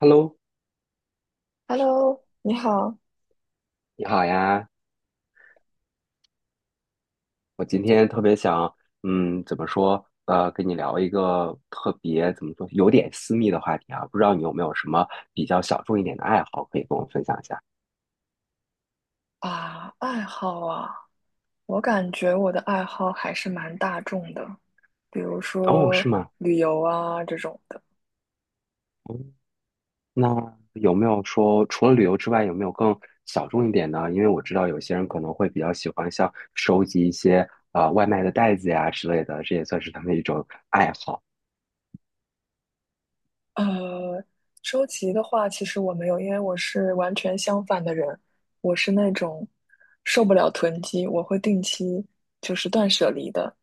Hello，Hello，你好。你好呀！我今天特别想，怎么说？跟你聊一个特别怎么说，有点私密的话题啊。不知道你有没有什么比较小众一点的爱好可以跟我分享一下？啊，爱好啊，我感觉我的爱好还是蛮大众的，比如哦，说是吗？旅游啊这种的。哦，那有没有说除了旅游之外，有没有更小众一点呢？因为我知道有些人可能会比较喜欢像收集一些外卖的袋子呀之类的，这也算是他们一种爱好。呃，收集的话，其实我没有，因为我是完全相反的人，我是那种受不了囤积，我会定期就是断舍离的。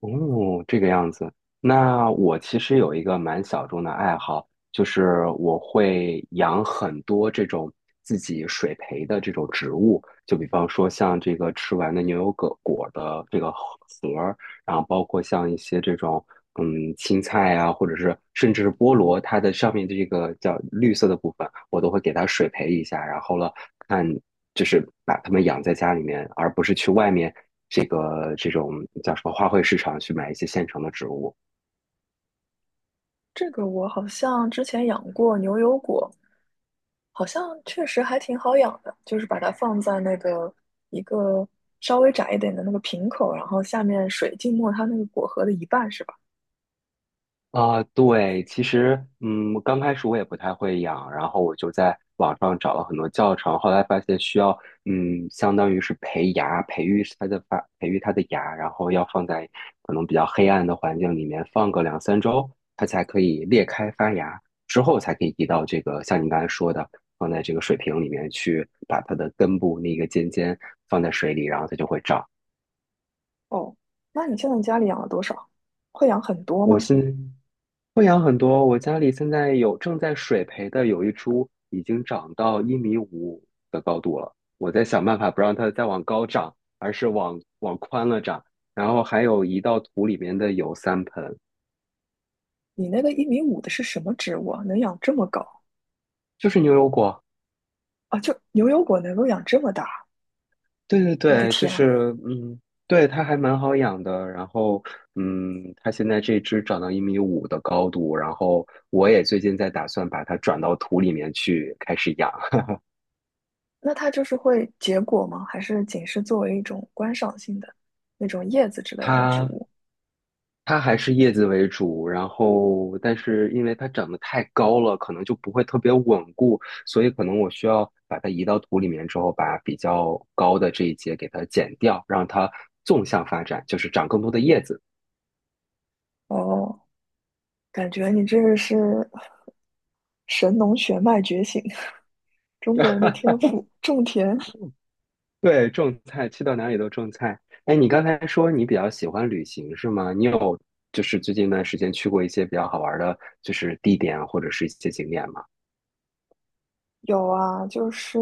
哦，这个样子。那我其实有一个蛮小众的爱好，就是我会养很多这种自己水培的这种植物，就比方说像这个吃完的牛油果果的这个核儿，然后包括像一些这种青菜啊，或者是甚至是菠萝，它的上面的这个叫绿色的部分，我都会给它水培一下，然后了看。就是把它们养在家里面，而不是去外面这个这种叫什么花卉市场去买一些现成的植物。这个我好像之前养过牛油果，好像确实还挺好养的，就是把它放在那个一个稍微窄一点的那个瓶口，然后下面水浸没它那个果核的一半，是吧？啊，对，其实，刚开始我也不太会养，然后我就在网上找了很多教程，后来发现需要，相当于是培芽，培育它的芽，然后要放在可能比较黑暗的环境里面放个2、3周，它才可以裂开发芽，之后才可以移到这个像你刚才说的，放在这个水瓶里面去，把它的根部那个尖尖放在水里，然后它就会长。哦，那你现在家里养了多少？会养很多我吗？是会养很多，我家里现在有正在水培的有一株已经长到一米五的高度了，我在想办法不让它再往高长，而是往宽了长。然后还有移到土里面的有3盆，你那个一米五的是什么植物啊？能养这么高就是牛油果。啊？就牛油果能够养这么大，对对我的对，就天！是对，它还蛮好养的。然后它现在这只长到一米五的高度，然后我也最近在打算把它转到土里面去开始养。那它就是会结果吗？还是仅是作为一种观赏性的那种叶子之类的植它物？它还是叶子为主，然后但是因为它长得太高了，可能就不会特别稳固，所以可能我需要把它移到土里面之后，把比较高的这一节给它剪掉，让它纵向发展，就是长更多的叶子。哦，感觉你这个是神农血脉觉醒，中国人的天 赋。种田对，种菜，去到哪里都种菜。哎，你刚才说你比较喜欢旅行是吗？就是最近一段时间去过一些比较好玩的，就是地点啊或者是一些景点吗？有啊，就是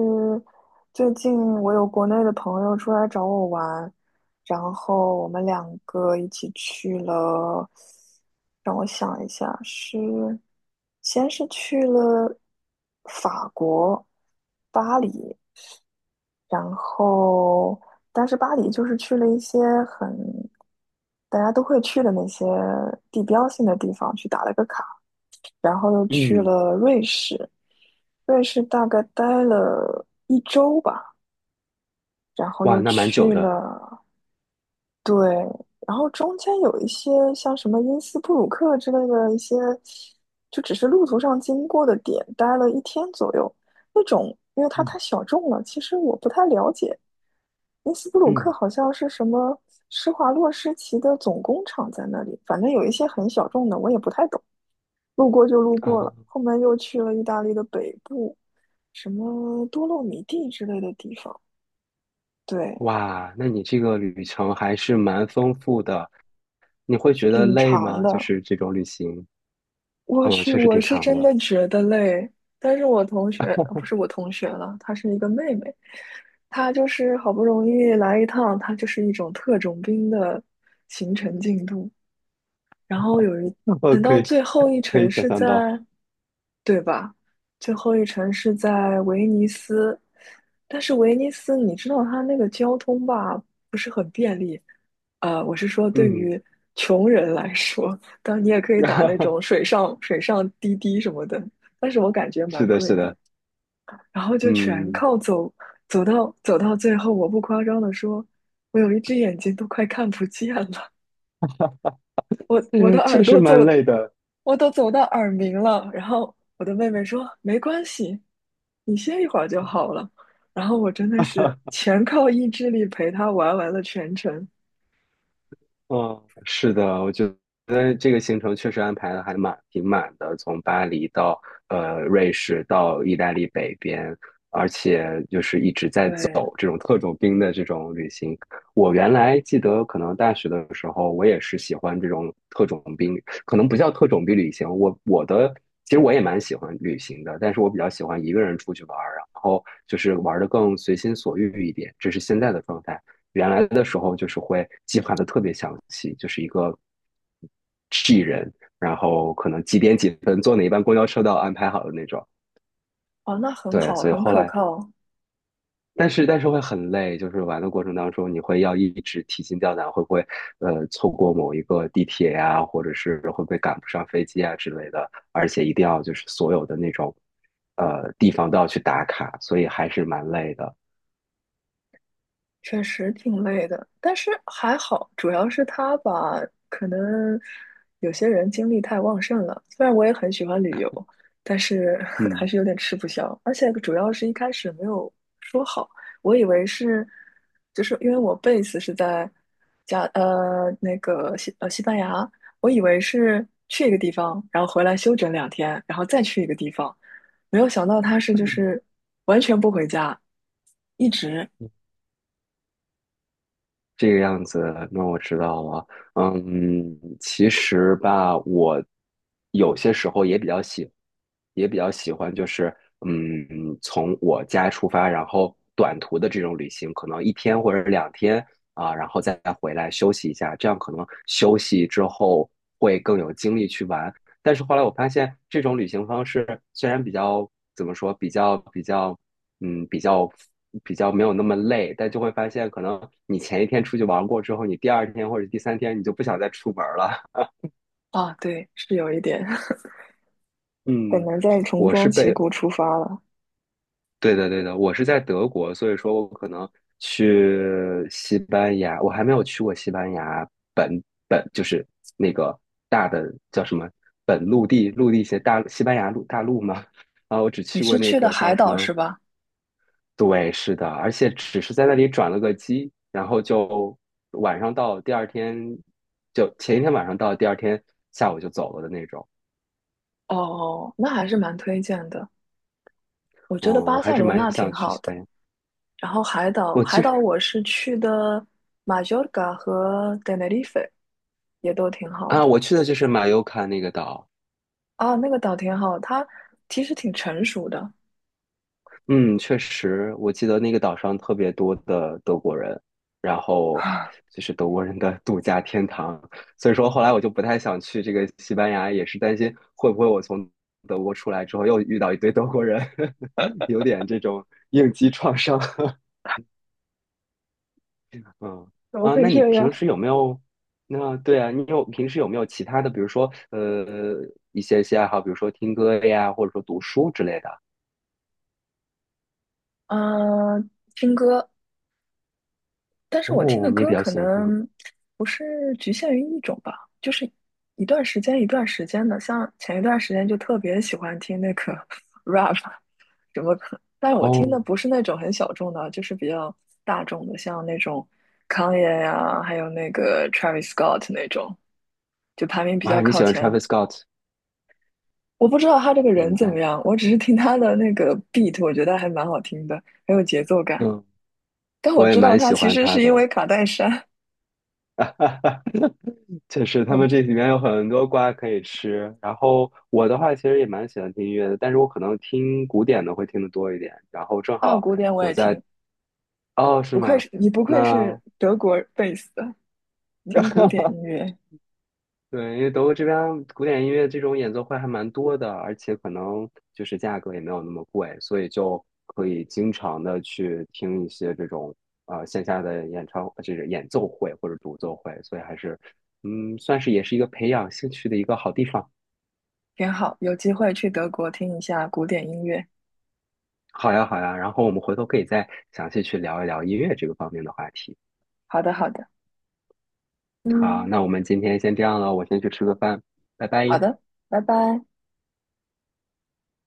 最近我有国内的朋友出来找我玩，然后我们两个一起去了，让我想一下，是先是去了法国巴黎，然后，但是巴黎就是去了一些很大家都会去的那些地标性的地方去打了个卡，然后又去嗯，了瑞士，瑞士大概待了一周吧，然后哇，又那蛮久去的。了。对，然后中间有一些像什么因斯布鲁克之类的一些，就只是路途上经过的点，待了一天左右。那种，因为它太嗯小众了，其实我不太了解。因斯布鲁克嗯好像是什么施华洛世奇的总工厂在那里，反正有一些很小众的，我也不太懂，路过就路过了。啊。后面又去了意大利的北部，什么多洛米蒂之类的地方，对，哇，那你这个旅程还是蛮丰富的，你会觉得挺累长吗？就的。是这种旅行，嗯，确实我挺是长真的。的觉得累，但是我同学，不是我同学了，她是一个妹妹，她就是好不容易来一趟，她就是一种特种兵的行程进度，然后有一，呃，等可到以最后一可以程想是象在，到，对吧？最后一程是在威尼斯，但是威尼斯你知道它那个交通吧，不是很便利，我是说，对嗯，于穷人来说，当然你也可以打那种 水上滴滴什么的，但是我感觉蛮是的，贵是的。的，然后就全嗯，靠走，走到最后，我不夸张的说，我有一只眼睛都快看不见了，我的嗯，耳确实朵走，蛮累的。我都走到耳鸣了。然后我的妹妹说，没关系，你歇一会儿就好了。然后我真的是全靠意志力陪她玩完了全程。嗯，是的，我觉得这个行程确实安排的还蛮挺满的，从巴黎到瑞士到意大利北边，而且就是一直在对，走这种特种兵的这种旅行。我原来记得，可能大学的时候，我也是喜欢这种特种兵，可能不叫特种兵旅行。我我的其实我也蛮喜欢旅行的，但是我比较喜欢一个人出去玩儿，然后就是玩的更随心所欲一点，这是现在的状态。原来的时候就是会计划的特别详细，就是一个 G 人，然后可能几点几分坐哪一班公交车都要安排好的那种。哦，那很对，好，所以很后可来，靠。但是会很累，就是玩的过程当中，你会要一直提心吊胆，会不会错过某一个地铁呀、或者是会不会赶不上飞机啊之类的，而且一定要就是所有的那种地方都要去打卡，所以还是蛮累的。确实挺累的，但是还好，主要是他吧，可能有些人精力太旺盛了。虽然我也很喜欢旅游，但是 还嗯。是有点吃不消。而且主要是一开始没有说好，我以为是，就是因为我贝斯是在那个西班牙，我以为是去一个地方，然后回来休整两天，然后再去一个地方。没有想到他是就是完全不回家，一直。这个样子，那我知道了。嗯，其实吧，我有些时候也比较喜欢，就是嗯，从我家出发，然后短途的这种旅行，可能一天或者2天啊，然后再回来休息一下，这样可能休息之后会更有精力去玩。但是后来我发现，这种旅行方式虽然比较怎么说，比较比较，嗯，比较比较没有那么累，但就会发现，可能你前一天出去玩过之后，你第二天或者第三天你就不想再出门了。啊，对，是有一点，很嗯，难再重我装是旗被，鼓出发了。对的对的，我是在德国，所以说我可能去西班牙，我还没有去过西班牙本就是那个大的叫什么本陆地些大西班牙陆大陆嘛。啊，我只你去是过那去的个叫海什岛么是吧？对，是的，而且只是在那里转了个机，然后就晚上到，第二天就前一天晚上到，第二天下午就走了的那种。哦，那还是蛮推荐的。我嗯，觉得我巴还塞是罗那蛮挺想去好西的，班牙。然后海岛，我海其实岛我是去的马约尔嘎和 Tenerife,也都挺好啊，的。我去的就是马尤卡那个岛，啊，那个岛挺好，它其实挺成熟的。嗯，确实，我记得那个岛上特别多的德国人，然 后啊，就是德国人的 度假天堂，所以说后来我就不太想去这个西班牙，也是担心会不会我从德国出来之后又遇到一堆德国人，有点这种应激创伤。嗯怎么啊，会那你这样？平时有没有？那对啊，平时有没有其他的，比如说一些爱好，比如说听歌呀，或者说读书之类的？嗯、听歌，但是我听哦，的你也比歌较可喜欢听歌。能不是局限于一种吧，就是一段时间一段时间的。像前一段时间就特别喜欢听那个 rap,什么可，但我听的哦不是那种很小众的啊，就是比较大众的，像那种 Kanye 呀、还有那个 Travis Scott 那种，就排名比哇，较你喜靠欢 前。Travis Scott，我不知道他这个人明怎么白？样，我只是听他的那个 beat,我觉得还蛮好听的，很有节奏感。嗯，但我我也知道蛮他喜其欢实他是因的。为卡戴珊 确实，他们这 里面有很多瓜可以吃。然后我的话，其实也蛮喜欢听音乐的，但是我可能听古典的会听得多一点。然后正啊，好古典我我也在，听，哦，是不愧吗？是你，不愧那 是德国贝斯的，听古典音 乐对，因为德国这边古典音乐这种演奏会还蛮多的，而且可能就是价格也没有那么贵，所以就可以经常的去听一些这种线下的演唱，就是演奏会或者独奏会，所以还是算是也是一个培养兴趣的一个好地方。挺好。有机会去德国听一下古典音乐。好呀，好呀，然后我们回头可以再详细去聊一聊音乐这个方面的话题。好的，好的，好，嗯，那我们今天先这样了，我先去吃个饭，拜好拜。的，拜拜。